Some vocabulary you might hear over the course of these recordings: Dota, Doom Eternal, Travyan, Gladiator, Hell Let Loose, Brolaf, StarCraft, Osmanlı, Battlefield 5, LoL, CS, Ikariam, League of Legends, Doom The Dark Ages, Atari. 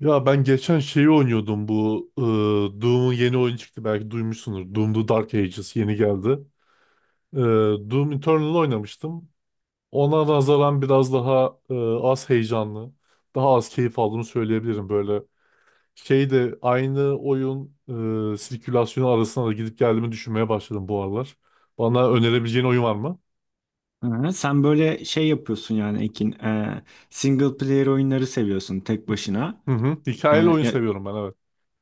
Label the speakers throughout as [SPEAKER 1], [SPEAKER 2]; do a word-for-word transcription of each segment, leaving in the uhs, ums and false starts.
[SPEAKER 1] Ya ben geçen şeyi oynuyordum bu e, Doom'un yeni oyun çıktı belki duymuşsunuz. Doom The Dark Ages yeni geldi. E, Doom Eternal oynamıştım. Ona nazaran biraz daha e, az heyecanlı, daha az keyif aldığımı söyleyebilirim. Böyle şey de aynı oyun e, sirkülasyonu arasında da gidip geldiğimi düşünmeye başladım bu aralar. Bana önerebileceğin oyun var mı?
[SPEAKER 2] Hı, Sen böyle şey yapıyorsun yani Ekin, e, single player oyunları seviyorsun tek başına.
[SPEAKER 1] Hı hı.
[SPEAKER 2] E,
[SPEAKER 1] Hikayeli oyun
[SPEAKER 2] ya,
[SPEAKER 1] seviyorum ben evet.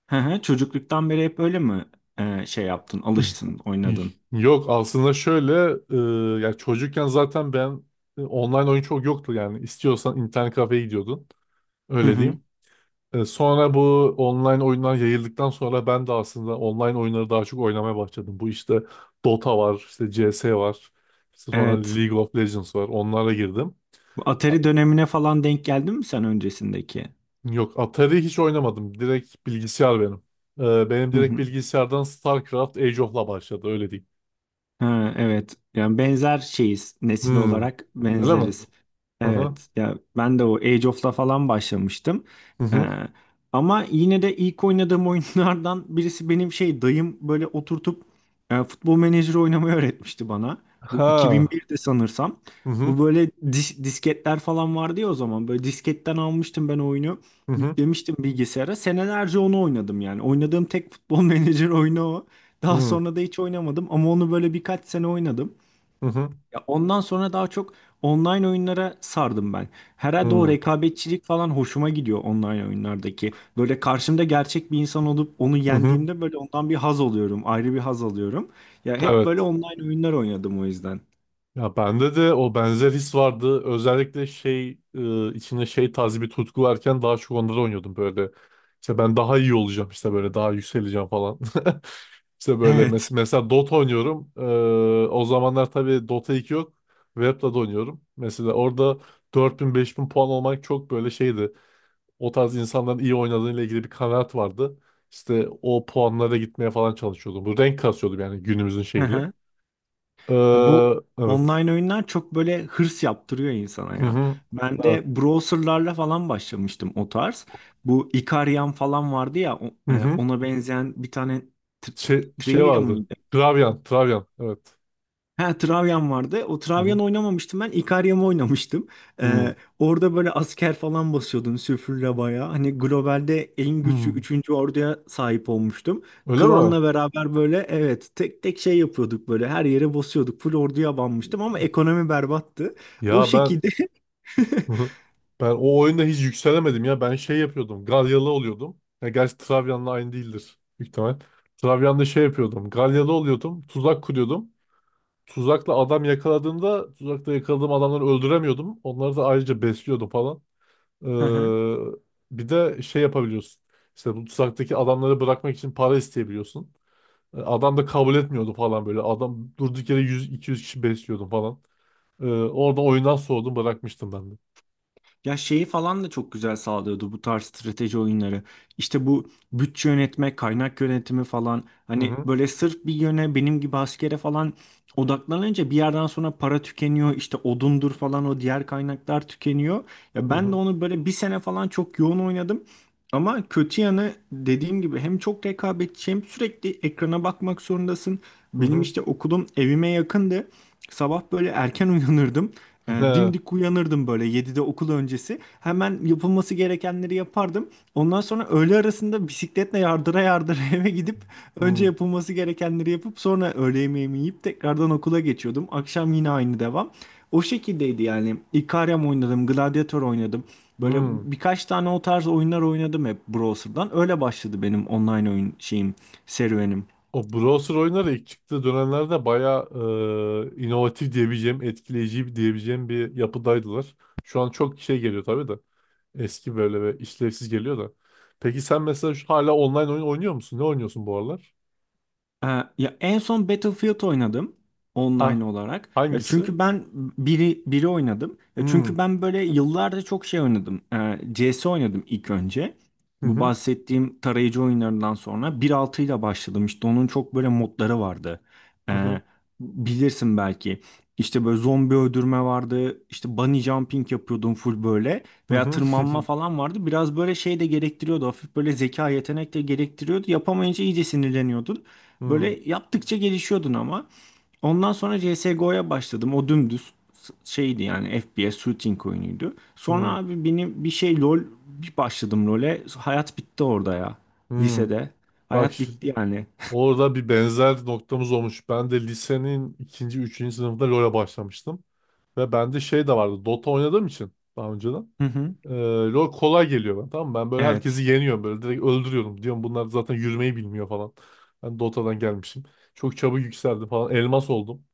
[SPEAKER 2] hı hı, çocukluktan beri hep öyle mi e, şey yaptın, alıştın, oynadın?
[SPEAKER 1] Yok aslında şöyle e, ya çocukken zaten ben e, online oyun çok yoktu yani istiyorsan internet kafeye gidiyordun
[SPEAKER 2] Hı
[SPEAKER 1] öyle
[SPEAKER 2] hı,
[SPEAKER 1] diyeyim. E, sonra bu online oyunlar yayıldıktan sonra ben de aslında online oyunları daha çok oynamaya başladım. Bu işte Dota var, işte C S var, işte sonra
[SPEAKER 2] evet.
[SPEAKER 1] League of Legends var onlara girdim.
[SPEAKER 2] Bu Atari dönemine falan denk geldin mi sen öncesindeki?
[SPEAKER 1] Yok Atari hiç oynamadım direkt bilgisayar benim. E, benim
[SPEAKER 2] Hı
[SPEAKER 1] direkt
[SPEAKER 2] hı.
[SPEAKER 1] bilgisayardan StarCraft Age of'la başladı öyle diyeyim.
[SPEAKER 2] Ha, evet. Yani benzer şeyiz nesil
[SPEAKER 1] Hmm,
[SPEAKER 2] olarak
[SPEAKER 1] öyle mi?
[SPEAKER 2] benzeriz.
[SPEAKER 1] Hı hı.
[SPEAKER 2] Evet. Ya ben de o Age of'la falan başlamıştım.
[SPEAKER 1] Hı
[SPEAKER 2] Ee,
[SPEAKER 1] hı.
[SPEAKER 2] ama yine de ilk oynadığım oyunlardan birisi benim şey dayım böyle oturtup e, futbol menajeri oynamayı öğretmişti bana. Bu
[SPEAKER 1] Ha.
[SPEAKER 2] iki bin birde sanırsam.
[SPEAKER 1] Hı hı
[SPEAKER 2] Bu böyle dis- disketler falan vardı ya o zaman. Böyle disketten almıştım ben oyunu.
[SPEAKER 1] hı hı
[SPEAKER 2] Yüklemiştim bilgisayara. Senelerce onu oynadım yani. Oynadığım tek futbol menajeri oyunu o. Daha
[SPEAKER 1] hı
[SPEAKER 2] sonra da hiç oynamadım ama onu böyle birkaç sene oynadım.
[SPEAKER 1] hı
[SPEAKER 2] Ya ondan sonra daha çok online oyunlara sardım ben.
[SPEAKER 1] hı
[SPEAKER 2] Herhalde o
[SPEAKER 1] hı
[SPEAKER 2] rekabetçilik falan hoşuma gidiyor online oyunlardaki. Böyle karşımda gerçek bir insan olup onu
[SPEAKER 1] hı hı.
[SPEAKER 2] yendiğimde böyle ondan bir haz alıyorum. Ayrı bir haz alıyorum. Ya hep böyle
[SPEAKER 1] Evet.
[SPEAKER 2] online oyunlar oynadım o yüzden.
[SPEAKER 1] Ya bende de o benzer his vardı. Özellikle şey e, içinde şey tarzı bir tutku varken daha çok onları oynuyordum böyle. İşte ben daha iyi olacağım işte böyle daha yükseleceğim falan. İşte böyle mes-
[SPEAKER 2] Evet.
[SPEAKER 1] mesela Dota oynuyorum. E, o zamanlar tabii Dota iki yok. Web'de de oynuyorum. Mesela orada dört bin beş bin puan olmak çok böyle şeydi. O tarz insanların iyi oynadığıyla ilgili bir kanaat vardı. İşte o puanlara gitmeye falan çalışıyordum. Bu renk kasıyordum yani günümüzün şeyiyle.
[SPEAKER 2] Ya
[SPEAKER 1] Ee,
[SPEAKER 2] Bu
[SPEAKER 1] evet.
[SPEAKER 2] online oyunlar çok böyle hırs yaptırıyor insana
[SPEAKER 1] Hı
[SPEAKER 2] ya.
[SPEAKER 1] hı.
[SPEAKER 2] Ben
[SPEAKER 1] Evet.
[SPEAKER 2] de browserlarla falan başlamıştım o tarz. Bu Ikariam falan vardı ya o-
[SPEAKER 1] Hı
[SPEAKER 2] e,
[SPEAKER 1] hı.
[SPEAKER 2] ona benzeyen bir tane tri-
[SPEAKER 1] Şey, şey
[SPEAKER 2] trivia
[SPEAKER 1] vardı.
[SPEAKER 2] mı?
[SPEAKER 1] Travyan. Travyan. Evet.
[SPEAKER 2] Ha, Travyan vardı. O
[SPEAKER 1] Hı hı.
[SPEAKER 2] Travyan oynamamıştım ben. Ikariam'ı oynamıştım.
[SPEAKER 1] Hı.
[SPEAKER 2] Ee, orada böyle asker falan basıyordun süfürle bayağı. Hani globalde en güçlü
[SPEAKER 1] Hı.
[SPEAKER 2] üçüncü orduya sahip olmuştum.
[SPEAKER 1] Öyle mi?
[SPEAKER 2] Klanla beraber böyle evet tek tek şey yapıyorduk, böyle her yere basıyorduk. Full orduya banmıştım ama ekonomi berbattı. O
[SPEAKER 1] Ya ben
[SPEAKER 2] şekilde.
[SPEAKER 1] ben o oyunda hiç yükselemedim ya. Ben şey yapıyordum. Galyalı oluyordum. Ya gerçi Travyan'la aynı değildir. Büyük ihtimal. Travyan'da şey yapıyordum. Galyalı oluyordum. Tuzak kuruyordum. Tuzakla adam yakaladığımda tuzakla yakaladığım adamları öldüremiyordum. Onları da ayrıca besliyordum falan. Ee, bir de şey yapabiliyorsun. İşte bu tuzaktaki adamları bırakmak için para isteyebiliyorsun. Ee, Adam da kabul etmiyordu falan böyle. Adam durduk yere yüz iki yüz kişi besliyordum falan. Ee, orada oyundan soğudum bırakmıştım ben de.
[SPEAKER 2] Ya şeyi falan da çok güzel sağlıyordu bu tarz strateji oyunları. İşte bu bütçe yönetme, kaynak yönetimi falan.
[SPEAKER 1] Hı
[SPEAKER 2] Hani
[SPEAKER 1] hı
[SPEAKER 2] böyle sırf bir yöne benim gibi askere falan odaklanınca bir yerden sonra para tükeniyor. İşte odundur falan o diğer kaynaklar tükeniyor. Ya
[SPEAKER 1] hı
[SPEAKER 2] ben de
[SPEAKER 1] hı
[SPEAKER 2] onu böyle bir sene falan çok yoğun oynadım. Ama kötü yanı dediğim gibi hem çok rekabetçi hem sürekli ekrana bakmak zorundasın.
[SPEAKER 1] hı
[SPEAKER 2] Benim
[SPEAKER 1] hı.
[SPEAKER 2] işte okulum evime yakındı. Sabah böyle erken uyanırdım. E,
[SPEAKER 1] He,
[SPEAKER 2] dimdik uyanırdım böyle yedide okul öncesi. Hemen yapılması gerekenleri yapardım. Ondan sonra öğle arasında bisikletle yardıra yardıra eve gidip önce
[SPEAKER 1] hı,
[SPEAKER 2] yapılması gerekenleri yapıp sonra öğle yemeğimi yiyip tekrardan okula geçiyordum. Akşam yine aynı devam. O şekildeydi yani. Ikariam oynadım, Gladiator oynadım. Böyle
[SPEAKER 1] hı.
[SPEAKER 2] birkaç tane o tarz oyunlar oynadım hep browser'dan. Öyle başladı benim online oyun şeyim, serüvenim.
[SPEAKER 1] O browser oyunları ilk çıktığı dönemlerde bayağı e, inovatif diyebileceğim, etkileyici diyebileceğim bir yapıdaydılar. Şu an çok şey geliyor tabii de. Eski böyle ve işlevsiz geliyor da. Peki sen mesela şu- hala online oyun oynuyor musun? Ne oynuyorsun bu aralar?
[SPEAKER 2] Ee, ya en son Battlefield oynadım
[SPEAKER 1] Ha,
[SPEAKER 2] online olarak. Ya
[SPEAKER 1] hangisi?
[SPEAKER 2] çünkü ben biri biri oynadım. Ya
[SPEAKER 1] Hmm.
[SPEAKER 2] çünkü ben böyle yıllarda çok şey oynadım. Ee, C S oynadım ilk önce.
[SPEAKER 1] Hı
[SPEAKER 2] Bu
[SPEAKER 1] hı.
[SPEAKER 2] bahsettiğim tarayıcı oyunlarından sonra bir nokta altı ile başladım. İşte onun çok böyle modları vardı.
[SPEAKER 1] Hı hı.
[SPEAKER 2] Ee, Bilirsin belki. İşte böyle zombi öldürme vardı. İşte bunny jumping yapıyordum full böyle.
[SPEAKER 1] Hı
[SPEAKER 2] Veya
[SPEAKER 1] hı.
[SPEAKER 2] tırmanma falan vardı. Biraz böyle şey de gerektiriyordu. Hafif böyle zeka yetenek de gerektiriyordu. Yapamayınca iyice sinirleniyordun.
[SPEAKER 1] Hmm.
[SPEAKER 2] Böyle yaptıkça gelişiyordun ama. Ondan sonra C S G O'ya başladım. O dümdüz s- şeydi yani F P S shooting oyunuydu.
[SPEAKER 1] Hmm.
[SPEAKER 2] Sonra abi benim bir şey LoL, bir başladım LoL'e. Hayat bitti orada ya.
[SPEAKER 1] Hmm.
[SPEAKER 2] Lisede.
[SPEAKER 1] Bak
[SPEAKER 2] Hayat
[SPEAKER 1] şu-
[SPEAKER 2] bitti yani.
[SPEAKER 1] orada bir benzer noktamız olmuş. Ben de lisenin ikinci, üçüncü sınıfında LoL'e başlamıştım. Ve bende şey de vardı. Dota oynadığım için daha önceden.
[SPEAKER 2] Hı hı.
[SPEAKER 1] Ee, LoL kolay geliyor bana tamam mı? Ben böyle
[SPEAKER 2] Evet.
[SPEAKER 1] herkesi yeniyorum böyle direkt öldürüyorum. Diyorum bunlar zaten yürümeyi bilmiyor falan. Ben Dota'dan gelmişim. Çok çabuk yükseldim falan. Elmas oldum.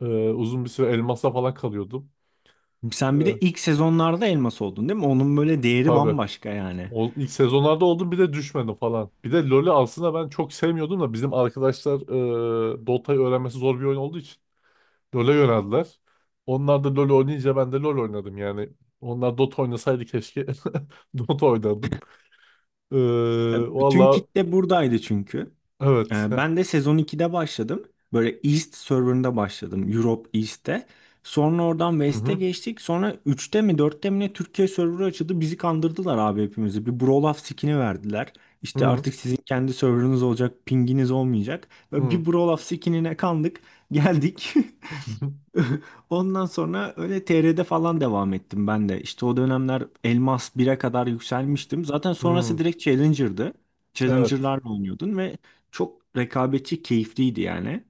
[SPEAKER 1] Ee, uzun bir süre elmasla falan kalıyordum.
[SPEAKER 2] Sen bir
[SPEAKER 1] Ee,
[SPEAKER 2] de ilk sezonlarda elmas oldun değil mi? Onun böyle değeri
[SPEAKER 1] tabii.
[SPEAKER 2] bambaşka yani.
[SPEAKER 1] O, ilk sezonlarda oldum bir de düşmedim falan. Bir de LoL'ü aslında ben çok sevmiyordum da bizim arkadaşlar e, Dota'yı öğrenmesi zor bir oyun olduğu için LoL'e yöneldiler. Onlar da LoL oynayınca ben de LoL oynadım yani. Onlar Dota oynasaydı keşke Dota oynardım. Ee,
[SPEAKER 2] E, Bütün
[SPEAKER 1] Vallahi
[SPEAKER 2] kitle buradaydı çünkü.
[SPEAKER 1] evet.
[SPEAKER 2] Ee,
[SPEAKER 1] Heh.
[SPEAKER 2] Ben de sezon ikide başladım. Böyle East serverında başladım. Europe East'te. Sonra oradan
[SPEAKER 1] Hı
[SPEAKER 2] West'e
[SPEAKER 1] hı.
[SPEAKER 2] geçtik. Sonra üçte mi dörtte mi ne Türkiye serverı açıldı. Bizi kandırdılar abi hepimizi. Bir Brolaf skin'i verdiler.
[SPEAKER 1] Hı
[SPEAKER 2] İşte
[SPEAKER 1] hı.
[SPEAKER 2] artık sizin kendi serverınız olacak. Pinginiz olmayacak. Böyle
[SPEAKER 1] Hı.
[SPEAKER 2] bir Brolaf skin'ine kandık. Geldik. Ondan sonra öyle T R'de falan devam ettim ben de. İşte o dönemler Elmas bire kadar yükselmiştim. Zaten sonrası
[SPEAKER 1] Hı.
[SPEAKER 2] direkt Challenger'dı.
[SPEAKER 1] Evet.
[SPEAKER 2] Challenger'larla oynuyordun ve çok rekabetçi, keyifliydi yani.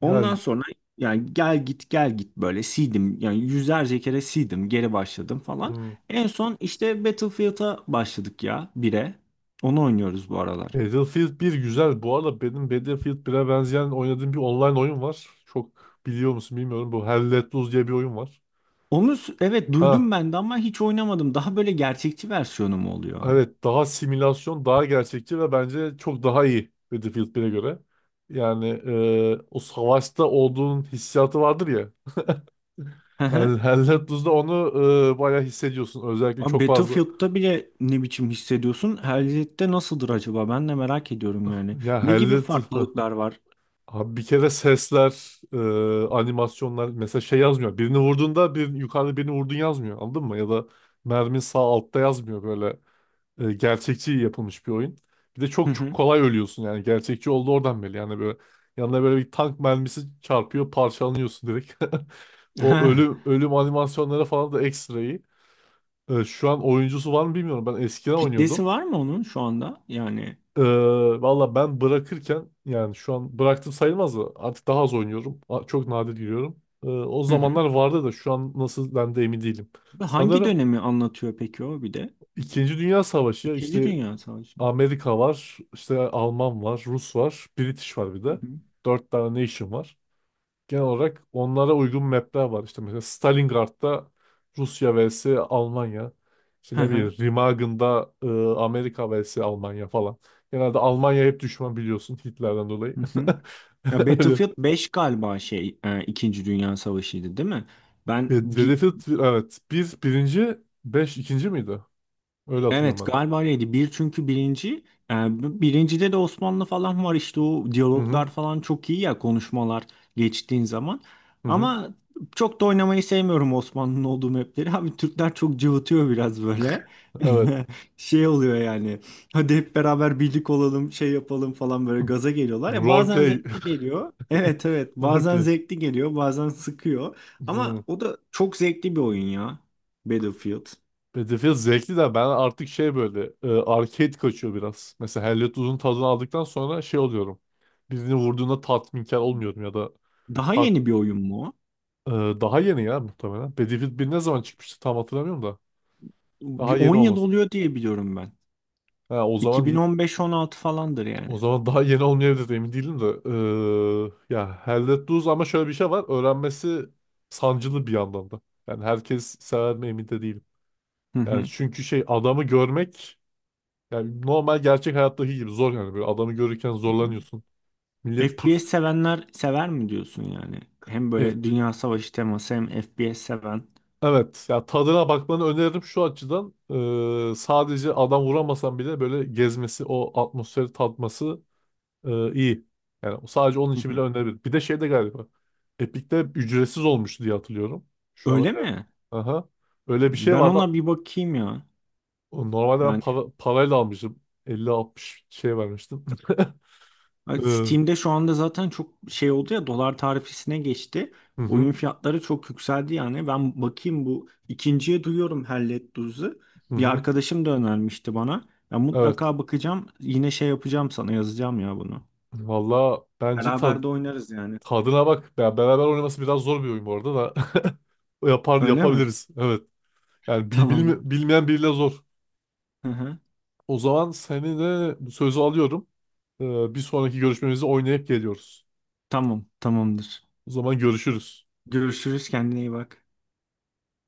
[SPEAKER 2] Ondan
[SPEAKER 1] Yani
[SPEAKER 2] sonra yani gel git gel git böyle sildim. Yani yüzlerce kere sildim, geri başladım falan.
[SPEAKER 1] hı.
[SPEAKER 2] En son işte Battlefield'a başladık ya bire. Onu oynuyoruz bu aralar.
[SPEAKER 1] Battlefield bir güzel. Bu arada benim Battlefield bire benzeyen oynadığım bir online oyun var. Çok biliyor musun bilmiyorum. Bu Hell Let Loose diye bir oyun var.
[SPEAKER 2] Onu s- evet, duydum
[SPEAKER 1] Ha,
[SPEAKER 2] ben de ama hiç oynamadım. Daha böyle gerçekçi versiyonu mu oluyor?
[SPEAKER 1] evet daha simülasyon, daha gerçekçi ve bence çok daha iyi Battlefield bire göre. Yani e, o savaşta olduğun hissiyatı vardır ya. Hell, Hell Let Loose'da onu e, bayağı hissediyorsun. Özellikle
[SPEAKER 2] Abi
[SPEAKER 1] çok fazla.
[SPEAKER 2] Battlefield'da bile ne biçim hissediyorsun? Hell'de nasıldır acaba? Ben de merak ediyorum yani.
[SPEAKER 1] Ya
[SPEAKER 2] Ne
[SPEAKER 1] Hell
[SPEAKER 2] gibi
[SPEAKER 1] Let Loose
[SPEAKER 2] farklılıklar var?
[SPEAKER 1] abi bir kere sesler, e, animasyonlar mesela şey yazmıyor. Birini vurduğunda bir yukarıda birini vurdun yazmıyor. Anladın mı? Ya da mermin sağ altta yazmıyor böyle. E, gerçekçi yapılmış bir oyun. Bir de
[SPEAKER 2] Hı
[SPEAKER 1] çok çok
[SPEAKER 2] hı.
[SPEAKER 1] kolay ölüyorsun yani gerçekçi oldu oradan belli. Yani böyle yanına böyle bir tank mermisi çarpıyor, parçalanıyorsun direkt. O ölüm ölüm animasyonları falan da ekstra iyi. E, şu an oyuncusu var mı bilmiyorum. Ben eskiden
[SPEAKER 2] Kitlesi
[SPEAKER 1] oynuyordum.
[SPEAKER 2] var mı onun şu anda? Yani
[SPEAKER 1] Ee, valla ben bırakırken yani şu an bıraktım sayılmaz da artık daha az oynuyorum. A- Çok nadir giriyorum. Ee, o
[SPEAKER 2] hı hı.
[SPEAKER 1] zamanlar vardı da şu an nasıl ben de emin değilim.
[SPEAKER 2] Ve Hangi
[SPEAKER 1] Sanırım
[SPEAKER 2] dönemi anlatıyor peki o bir de?
[SPEAKER 1] İkinci Dünya Savaşı ya
[SPEAKER 2] İkinci
[SPEAKER 1] işte
[SPEAKER 2] Dünya Savaşı mı?
[SPEAKER 1] Amerika var, işte Alman var, Rus var, British var bir
[SPEAKER 2] Hı
[SPEAKER 1] de.
[SPEAKER 2] hı.
[SPEAKER 1] Dört tane nation var genel olarak onlara uygun mapler var. İşte mesela Stalingrad'da Rusya vs Almanya. İşte
[SPEAKER 2] Hı
[SPEAKER 1] ne
[SPEAKER 2] hı.
[SPEAKER 1] bileyim Remagen'da e, Amerika vs Almanya falan. Genelde Almanya hep düşman biliyorsun Hitler'den dolayı.
[SPEAKER 2] Hı hı. Ya
[SPEAKER 1] Öyle.
[SPEAKER 2] Battlefield beş galiba şey e, İkinci Dünya Savaşı'ydı değil mi?
[SPEAKER 1] Ve-
[SPEAKER 2] Ben
[SPEAKER 1] ve
[SPEAKER 2] bir.
[SPEAKER 1] Battlefield evet. Bir birinci, beş ikinci miydi? Öyle hatırlıyorum
[SPEAKER 2] Evet,
[SPEAKER 1] ben de.
[SPEAKER 2] galiba öyleydi. Bir çünkü birinci. e, Birincide de Osmanlı falan var, işte o
[SPEAKER 1] Hı hı.
[SPEAKER 2] diyaloglar falan çok iyi ya konuşmalar geçtiğin zaman.
[SPEAKER 1] Hı hı.
[SPEAKER 2] Ama çok da oynamayı sevmiyorum Osmanlı'nın olduğu mapleri. Abi Türkler çok cıvıtıyor biraz böyle.
[SPEAKER 1] Evet.
[SPEAKER 2] Şey oluyor yani. Hadi hep beraber birlik olalım, şey yapalım falan, böyle gaza geliyorlar. Ya bazen
[SPEAKER 1] Roleplay.
[SPEAKER 2] zevkli geliyor. Evet, evet. Bazen
[SPEAKER 1] Roleplay.
[SPEAKER 2] zevkli geliyor, bazen sıkıyor. Ama
[SPEAKER 1] Hı.
[SPEAKER 2] o da çok zevkli bir oyun ya. Battlefield.
[SPEAKER 1] Battlefield zevkli de ben artık şey böyle e, arcade kaçıyor biraz. Mesela Hellet Uzun tadını aldıktan sonra şey oluyorum. Birini vurduğunda tatminkar olmuyorum ya da
[SPEAKER 2] Daha
[SPEAKER 1] hak-
[SPEAKER 2] yeni bir oyun mu o?
[SPEAKER 1] e, daha yeni ya muhtemelen. Battlefield bir ne zaman çıkmıştı tam hatırlamıyorum da. Daha
[SPEAKER 2] Bir
[SPEAKER 1] yeni
[SPEAKER 2] on yıl
[SPEAKER 1] olmasın.
[SPEAKER 2] oluyor diye biliyorum ben.
[SPEAKER 1] Ha, o zaman
[SPEAKER 2] iki bin on beş-on altı falandır yani.
[SPEAKER 1] o zaman daha yeni olmayabilir emin değilim de. E, ya Hellet Uzun ama şöyle bir şey var. Öğrenmesi sancılı bir yandan da. Yani herkes sever mi emin de değilim.
[SPEAKER 2] Hı
[SPEAKER 1] Yani
[SPEAKER 2] hı.
[SPEAKER 1] çünkü şey adamı görmek yani normal gerçek hayattaki gibi zor yani. Böyle adamı görürken
[SPEAKER 2] Hı.
[SPEAKER 1] zorlanıyorsun. Millet pus.
[SPEAKER 2] F P S sevenler sever mi diyorsun yani? Hem
[SPEAKER 1] Evet.
[SPEAKER 2] böyle Dünya Savaşı teması hem F P S seven.
[SPEAKER 1] Evet. Ya tadına bakmanı öneririm şu açıdan. Ee, sadece adam vuramasan bile böyle gezmesi, o atmosferi tatması e, iyi. Yani sadece onun
[SPEAKER 2] Hı
[SPEAKER 1] için bile
[SPEAKER 2] hı.
[SPEAKER 1] öneririm. Bir de şey de galiba. Epic'te ücretsiz olmuştu diye hatırlıyorum. Şu an
[SPEAKER 2] Öyle
[SPEAKER 1] öyle.
[SPEAKER 2] mi?
[SPEAKER 1] Aha. Öyle bir şey
[SPEAKER 2] Ben
[SPEAKER 1] vardı.
[SPEAKER 2] ona bir bakayım ya.
[SPEAKER 1] Normalde ben
[SPEAKER 2] Yani.
[SPEAKER 1] para, parayla almıştım. elli altmış şey vermiştim. Ee,
[SPEAKER 2] Ay,
[SPEAKER 1] hı
[SPEAKER 2] Steam'de şu anda zaten çok şey oldu ya, dolar tarifesine geçti.
[SPEAKER 1] hı,
[SPEAKER 2] Oyun fiyatları çok yükseldi yani. Ben bakayım, bu ikinciye duyuyorum Hellet Duz'u.
[SPEAKER 1] hı
[SPEAKER 2] Bir
[SPEAKER 1] hı.
[SPEAKER 2] arkadaşım da önermişti bana. Ben
[SPEAKER 1] Evet.
[SPEAKER 2] mutlaka bakacağım. Yine şey yapacağım, sana yazacağım ya bunu.
[SPEAKER 1] Valla bence
[SPEAKER 2] Beraber
[SPEAKER 1] tad-
[SPEAKER 2] de oynarız yani.
[SPEAKER 1] tadına bak. Ya beraber oynaması biraz zor bir oyun bu arada da. Yapar,
[SPEAKER 2] Öyle mi?
[SPEAKER 1] yapabiliriz. Evet. Yani bil-
[SPEAKER 2] Tamam.
[SPEAKER 1] bilme- bilmeyen biriyle zor.
[SPEAKER 2] Hı hı.
[SPEAKER 1] O zaman seni de bu sözü alıyorum. Ee, bir sonraki görüşmemizi oynayıp geliyoruz.
[SPEAKER 2] Tamam, tamamdır.
[SPEAKER 1] O zaman görüşürüz.
[SPEAKER 2] Görüşürüz, kendine iyi bak.